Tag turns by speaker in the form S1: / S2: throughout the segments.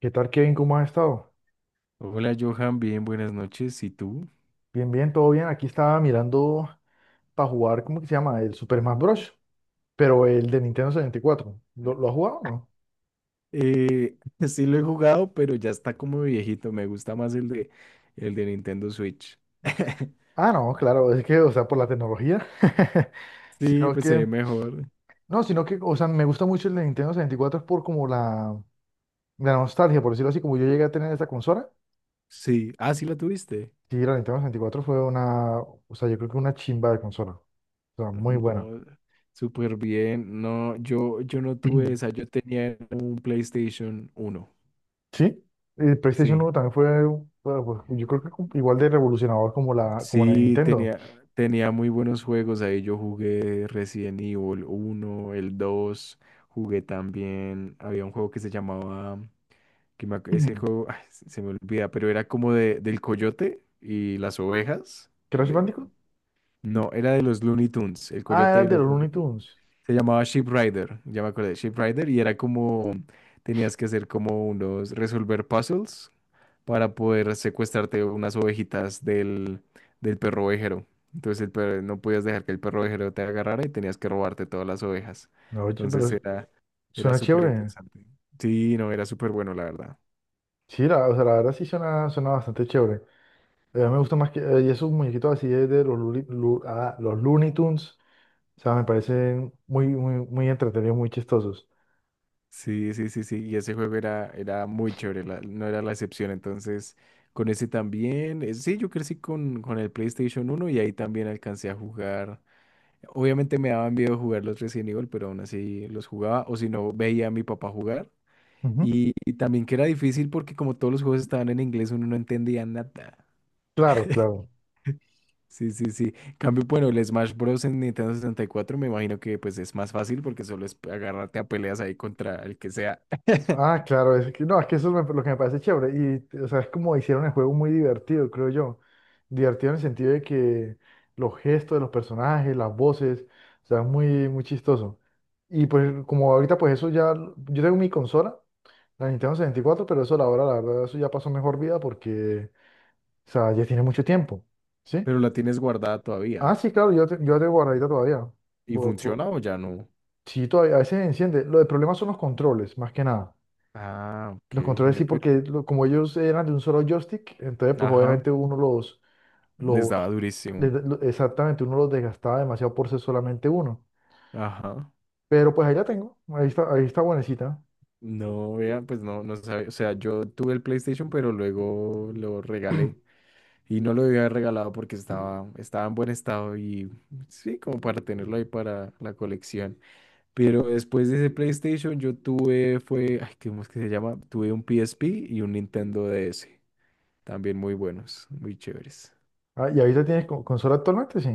S1: ¿Qué tal, Kevin? ¿Cómo has estado?
S2: Hola Johan, bien, buenas noches. ¿Y tú?
S1: Bien, bien, todo bien. Aquí estaba mirando para jugar, ¿cómo que se llama? El Super Smash Bros. Pero el de Nintendo 64. ¿Lo has jugado o no?
S2: Eh, sí lo he jugado, pero ya está como viejito. Me gusta más el de Nintendo Switch.
S1: Ah, no, claro, es que, o sea, por la tecnología.
S2: Sí,
S1: Sino
S2: pues se
S1: que,
S2: ve mejor.
S1: no, sino que, o sea, me gusta mucho el de Nintendo 64 es por como la nostalgia, por decirlo así, como yo llegué a tener esa consola.
S2: Sí. Ah, sí lo tuviste.
S1: Sí, la Nintendo 64 fue una, o sea, yo creo que una chimba de consola. O sea, muy buena.
S2: No, súper bien. No, yo no tuve esa. Yo tenía un PlayStation uno.
S1: Sí, el PlayStation
S2: Sí.
S1: uno también fue, bueno, pues, yo creo que igual de revolucionador como la de
S2: Sí,
S1: Nintendo.
S2: tenía, tenía muy buenos juegos. Ahí yo jugué Resident Evil uno, el 2. Jugué también. Había un juego que se llamaba. Ese
S1: Mm.
S2: juego, ay, se me olvida, pero era como de, del coyote y las ovejas.
S1: ¿Crash
S2: de-
S1: Bandicoot?
S2: no, era de los Looney Tunes, el
S1: Ah,
S2: coyote
S1: era
S2: de
S1: de los
S2: los Looney
S1: Looney
S2: Tunes.
S1: Tunes.
S2: Se llamaba Sheep Rider, ya me acordé, Sheep Rider, y era como, tenías que hacer como unos, resolver puzzles para poder secuestrarte unas ovejitas del perro ovejero. Entonces el perro, no podías dejar que el perro ovejero te agarrara y tenías que robarte todas las ovejas.
S1: No, oye,
S2: Entonces
S1: pero
S2: era
S1: suena
S2: súper
S1: chévere.
S2: interesante. Sí, no, era súper bueno, la verdad.
S1: Sí, la, o sea, la verdad sí suena bastante chévere. Me gusta más que y esos muñequitos así de los, los Looney Tunes. O sea, me parecen muy, muy, muy entretenidos, muy chistosos.
S2: Sí, sí, sí, sí. Y ese juego era muy chévere, no era la excepción. Entonces, con ese también. Sí, yo crecí con el PlayStation uno y ahí también alcancé a jugar. Obviamente me daban miedo jugar los Resident Evil, pero aún así los jugaba. O si no, veía a mi papá jugar.
S1: Ujú.
S2: Y también que era difícil porque como todos los juegos estaban en inglés, uno no entendía nada.
S1: Claro, claro.
S2: Sí, sí, sí. Cambio, bueno, el Smash Bros. En Nintendo sesenta y cuatro me imagino que pues es más fácil porque solo es agarrarte a peleas ahí contra el que sea.
S1: Ah, claro, es que, no, es que eso es lo que me parece chévere. Y, o sea, es como hicieron el juego muy divertido, creo yo. Divertido en el sentido de que los gestos de los personajes, las voces, o sea, es muy, muy chistoso. Y pues, como ahorita, pues eso ya. Yo tengo mi consola, la Nintendo 64, pero eso, a la hora, la verdad, eso ya pasó mejor vida porque, o sea, ya tiene mucho tiempo, ¿sí?
S2: Pero la tienes guardada
S1: Ah,
S2: todavía.
S1: sí, claro, yo la tengo guardadita todavía.
S2: ¿Y
S1: Por, por...
S2: funciona o ya no?
S1: Sí, todavía, a veces enciende. Lo del problema son los controles, más que nada.
S2: Ah, ok.
S1: Los controles
S2: Ve,
S1: sí, porque como ellos eran de un solo joystick, entonces pues
S2: ajá.
S1: obviamente uno
S2: Les daba
S1: los,
S2: durísimo.
S1: les da- lo- exactamente, uno los desgastaba demasiado por ser solamente uno.
S2: Ajá.
S1: Pero pues ahí la tengo, ahí está buenecita.
S2: No, vean, pues no, no sabía. O sea, yo tuve el PlayStation, pero luego lo regalé. Y no lo debía haber regalado porque estaba en buen estado y sí, como para tenerlo ahí para la colección. Pero después de ese PlayStation yo tuve, fue, ay, ¿cómo es que se llama? Tuve un PSP y un Nintendo DS. También muy buenos, muy chéveres.
S1: Ah, ¿y ahí la tienes consola actualmente? Sí.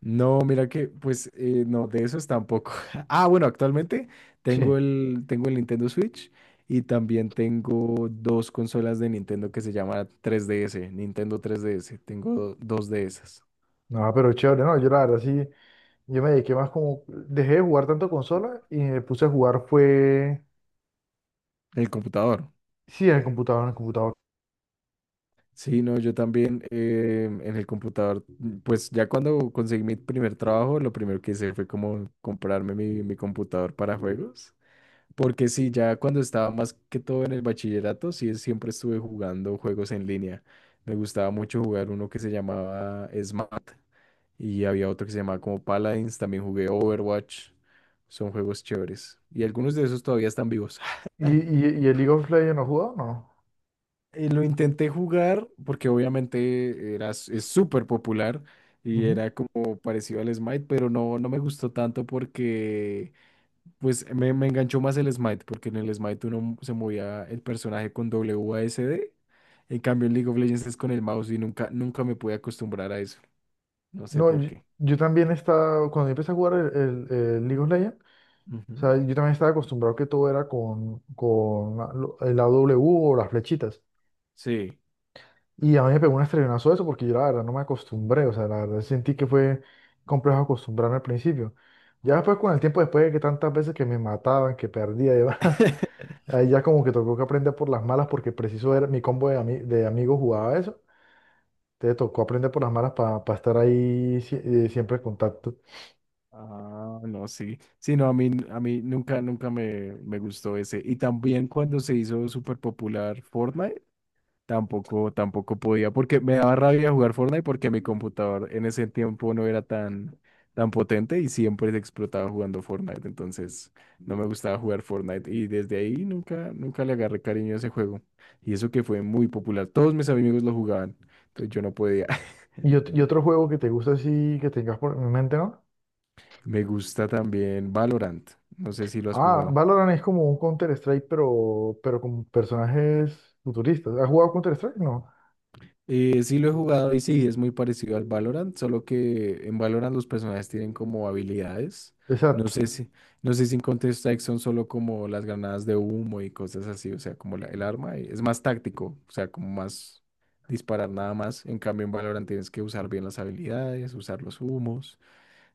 S2: No, mira que, pues, no, de esos tampoco. Ah, bueno, actualmente tengo
S1: Sí.
S2: el, tengo el Nintendo Switch y también tengo dos consolas de Nintendo que se llaman 3DS, Nintendo 3DS. Tengo dos de esas.
S1: No, pero chévere, no, yo la verdad sí, yo me dediqué más como, dejé de jugar tanto consola y me puse a jugar fue,
S2: El computador.
S1: sí, en el computador, en el computador.
S2: Sí, no, yo también en el computador, pues ya cuando conseguí mi primer trabajo, lo primero que hice fue como comprarme mi computador para juegos. Porque sí, ya cuando estaba más que todo en el bachillerato, sí, siempre estuve jugando juegos en línea. Me gustaba mucho jugar uno que se llamaba Smart y había otro que se llamaba como Paladins. También jugué Overwatch. Son juegos chéveres. Y algunos de esos todavía están vivos.
S1: ¿Y, y, y el League of Legends no has jugado? No.
S2: Lo intenté jugar porque obviamente era, es súper popular y
S1: Ujú.
S2: era como parecido al Smite, pero no me gustó tanto porque pues me enganchó más el Smite, porque en el Smite uno se movía el personaje con WASD. En cambio, en League of Legends es con el mouse y nunca me pude acostumbrar a eso. No sé
S1: No,
S2: por
S1: yo,
S2: qué.
S1: yo también estaba, cuando yo empecé a jugar el, el League of Legends, O
S2: Ujú.
S1: sea, yo también estaba acostumbrado que todo era con el AW o las flechitas.
S2: Sí.
S1: Y a mí me pegó un estrellazo eso porque yo la verdad no me acostumbré. O sea, la verdad sentí que fue complejo acostumbrarme al principio. Ya después con el tiempo, después de que tantas veces que me mataban, que perdía y demás, ahí ya como que tocó que aprender por las malas porque preciso era mi combo de amigos jugaba eso. Te tocó aprender por las malas para estar ahí siempre en contacto.
S2: Ah, no, sí. Sí, no, a mí nunca me gustó ese. Y también cuando se hizo súper popular Fortnite. Tampoco podía, porque me daba rabia jugar Fortnite porque mi computador en ese tiempo no era tan potente y siempre se explotaba jugando Fortnite, entonces no me gustaba jugar Fortnite y desde ahí nunca le agarré cariño a ese juego. Y eso que fue muy popular, todos mis amigos lo jugaban, entonces yo no podía.
S1: Y otro juego que te gusta así, que tengas por en mente, ¿no?
S2: Me gusta también Valorant, no sé si lo has
S1: Ah,
S2: jugado.
S1: Valorant es como un Counter-Strike, pero con personajes futuristas. ¿Has jugado Counter-Strike? No.
S2: Sí lo he jugado y sí, es muy parecido al Valorant, solo que en Valorant los personajes tienen como habilidades. No
S1: Exacto.
S2: sé si, no sé si en Counter-Strike son solo como las granadas de humo y cosas así, o sea, como el arma y es más táctico, o sea, como más disparar nada más. En cambio, en Valorant tienes que usar bien las habilidades, usar los humos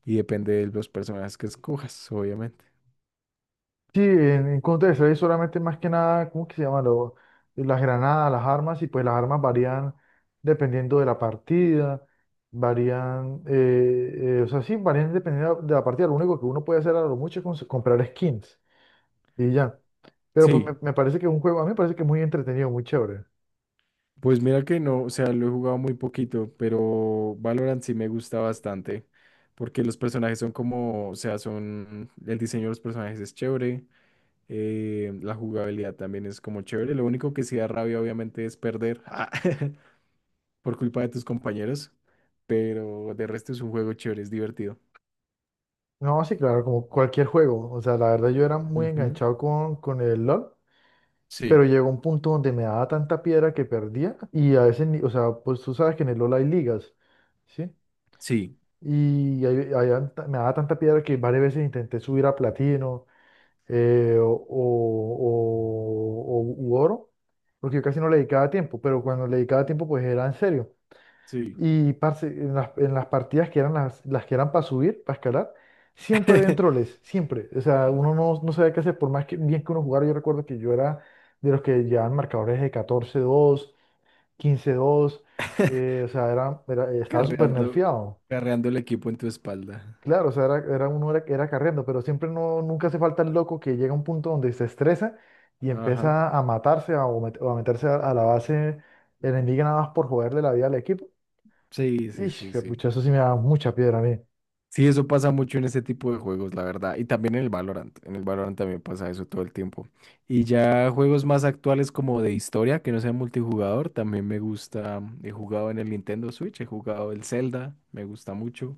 S2: y depende de los personajes que escojas, obviamente.
S1: Sí, en Counter-Strike solamente más que nada, ¿cómo que se llama? Las granadas, las armas, y pues las armas varían dependiendo de la partida, varían, o sea, sí, varían dependiendo de la partida. Lo único que uno puede hacer a lo mucho es comprar skins y ya. Pero pues
S2: Sí.
S1: me parece que es un juego, a mí me parece que es muy entretenido, muy chévere.
S2: Pues mira que no, o sea, lo he jugado muy poquito, pero Valorant sí me gusta bastante, porque los personajes son como, o sea, son, el diseño de los personajes es chévere, la jugabilidad también es como chévere, lo único que sí da rabia obviamente es perder ah, por culpa de tus compañeros, pero de resto es un juego chévere, es divertido.
S1: No, sí, claro, como cualquier juego. O sea, la verdad yo era muy
S2: Ujú.
S1: enganchado con el LOL, pero
S2: Sí,
S1: llegó un punto donde me daba tanta piedra que perdía y a veces, o sea, pues tú sabes que en el LOL hay ligas, ¿sí?
S2: sí,
S1: Me daba tanta piedra que varias veces intenté subir a platino u oro, porque yo casi no le dedicaba tiempo, pero cuando le dedicaba tiempo pues era en serio.
S2: sí.
S1: Y parce, en las partidas que eran las que eran para subir, para escalar, siempre habían troles, siempre. O sea, uno no, no sabía qué hacer, por más que, bien que uno jugara. Yo recuerdo que yo era de los que llevaban marcadores de 14-2 15-2 o sea, estaba súper
S2: Carreando,
S1: nerfeado.
S2: carreando el equipo en tu espalda.
S1: Claro, o sea, era carriendo, pero siempre no, nunca hace falta el loco que llega a un punto donde se estresa y
S2: Ajá.
S1: empieza a matarse o a meterse a la base enemiga nada más por joderle la vida al equipo.
S2: Sí, sí,
S1: Ish,
S2: sí,
S1: que
S2: sí.
S1: pucha, eso sí me da mucha piedra a mí.
S2: Sí, eso pasa mucho en ese tipo de juegos, la verdad. Y también en el Valorant. En el Valorant también pasa eso todo el tiempo. Y ya juegos más actuales como de historia, que no sea multijugador, también me gusta. He jugado en el Nintendo Switch, he jugado el Zelda, me gusta mucho.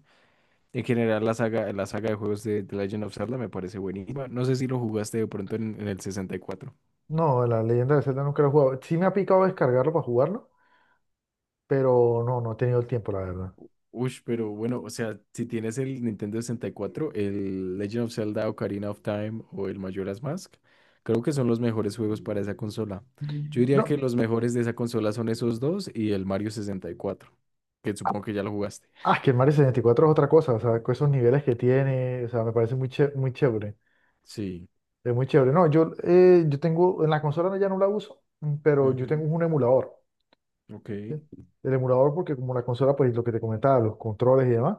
S2: En general, la saga de juegos de The Legend of Zelda me parece buenísima. No sé si lo jugaste de pronto en el 64.
S1: No, la leyenda de Zelda nunca lo he jugado. Sí me ha picado descargarlo para jugarlo, pero no, no he tenido el tiempo, la verdad.
S2: Ush, pero bueno, o sea, si tienes el Nintendo sesenta y cuatro, el Legend of Zelda, Ocarina of Time o el Majora's Mask, creo que son los mejores juegos para esa consola. Yo
S1: Mm.
S2: diría
S1: No,
S2: que los mejores de esa consola son esos dos y el Mario sesenta y cuatro, que
S1: ah,
S2: supongo que ya lo jugaste.
S1: es que el Mario 64 es otra cosa, o sea, con esos niveles que tiene, o sea, me parece muy, ché muy chévere.
S2: Sí.
S1: Es muy chévere. No, yo, yo tengo, en la consola ya no la uso, pero yo tengo
S2: Ujú,
S1: un emulador,
S2: ok.
S1: ¿sí? El emulador porque como la consola, pues lo que te comentaba, los controles y demás.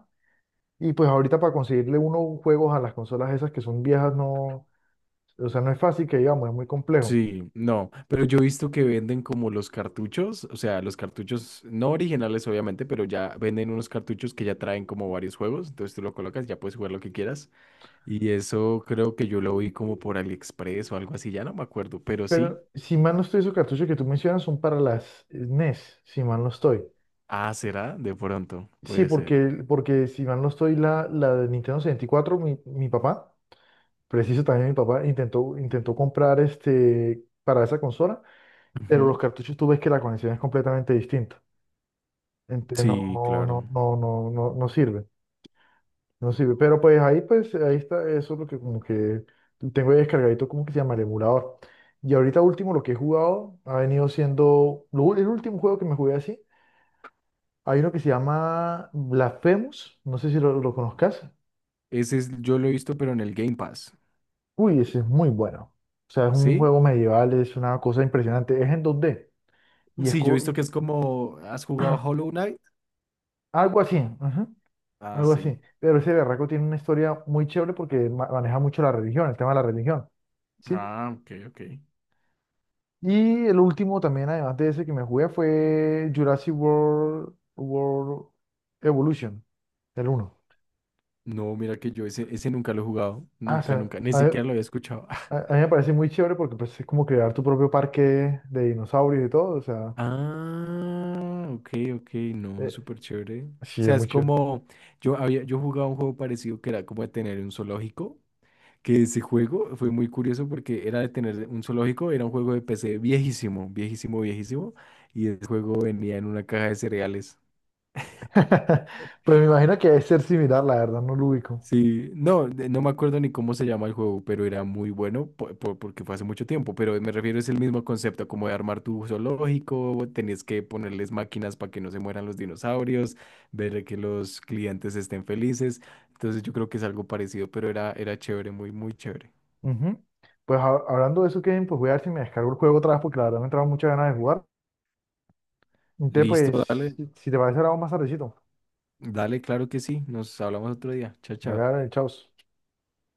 S1: Y pues ahorita para conseguirle unos juegos a las consolas esas que son viejas, no, o sea, no es fácil que digamos, es muy complejo.
S2: Sí, no, pero yo he visto que venden como los cartuchos, o sea, los cartuchos no originales obviamente, pero ya venden unos cartuchos que ya traen como varios juegos, entonces tú lo colocas, ya puedes jugar lo que quieras. Y eso creo que yo lo vi como por AliExpress o algo así, ya no me acuerdo, pero sí.
S1: Si mal no estoy, esos cartuchos que tú mencionas son para las NES, si mal no estoy.
S2: Ah, será de pronto,
S1: Sí,
S2: puede ser.
S1: porque si mal no estoy, la de Nintendo 64, mi papá, preciso también mi papá, intentó comprar este, para esa consola, pero los
S2: Ujú.
S1: cartuchos tú ves que la conexión es completamente distinta. Entonces no,
S2: Sí,
S1: no, no,
S2: claro.
S1: no, no, no, no sirve, no sirve. Pero pues, ahí está, eso es lo que como que tengo ahí descargadito, como que se llama el emulador. Y ahorita último, lo que he jugado ha venido siendo, el último juego que me jugué así. Hay uno que se llama Blasphemous, no sé si lo conozcas.
S2: Ese es, yo lo he visto, pero en el Game Pass.
S1: Uy, ese es muy bueno. O sea, es un
S2: ¿Sí?
S1: juego medieval, es una cosa impresionante. Es en 2D y es
S2: Sí, yo he visto que es como, ¿has jugado Hollow Knight?
S1: algo así, ajá,
S2: Ah,
S1: algo
S2: sí.
S1: así. Pero ese berraco tiene una historia muy chévere porque maneja mucho la religión, el tema de la religión, ¿sí?
S2: Ah, ok, ok.
S1: Y el último también, además de ese que me jugué, fue Jurassic World, World Evolution, el uno.
S2: No, mira que yo ese nunca lo he jugado.
S1: Ah, se
S2: Nunca,
S1: me-
S2: nunca. Ni
S1: a-
S2: siquiera lo había escuchado.
S1: A, a mí me parece muy chévere porque pues, es como crear tu propio parque de dinosaurios y todo. O sea,
S2: Ah, ok, ok. No,
S1: eh,
S2: súper chévere. O
S1: sí, es
S2: sea, es
S1: muy chévere.
S2: como, yo jugaba un juego parecido que era como de tener un zoológico. Que ese juego fue muy curioso porque era de tener un zoológico, era un juego de PC viejísimo, viejísimo, viejísimo, y el juego venía en una caja de cereales.
S1: Pues me imagino que debe ser similar, la verdad, no lo ubico.
S2: Sí, no, no me acuerdo ni cómo se llama el juego, pero era muy bueno porque fue hace mucho tiempo, pero me refiero es el mismo concepto, como de armar tu zoológico, tenías que ponerles máquinas para que no se mueran los dinosaurios, ver que los clientes estén felices, entonces yo creo que es algo parecido, pero era chévere, muy, muy chévere.
S1: Ujú. Pues hablando de eso, Kevin, pues voy a ver si me descargo el juego otra vez porque la verdad me entraron muchas ganas de jugar. Entonces,
S2: Listo,
S1: pues,
S2: dale.
S1: si te parece, ahora vamos más tardecito.
S2: Dale, claro que sí. Nos hablamos otro día. Chao,
S1: Dale,
S2: chao.
S1: dale, chao.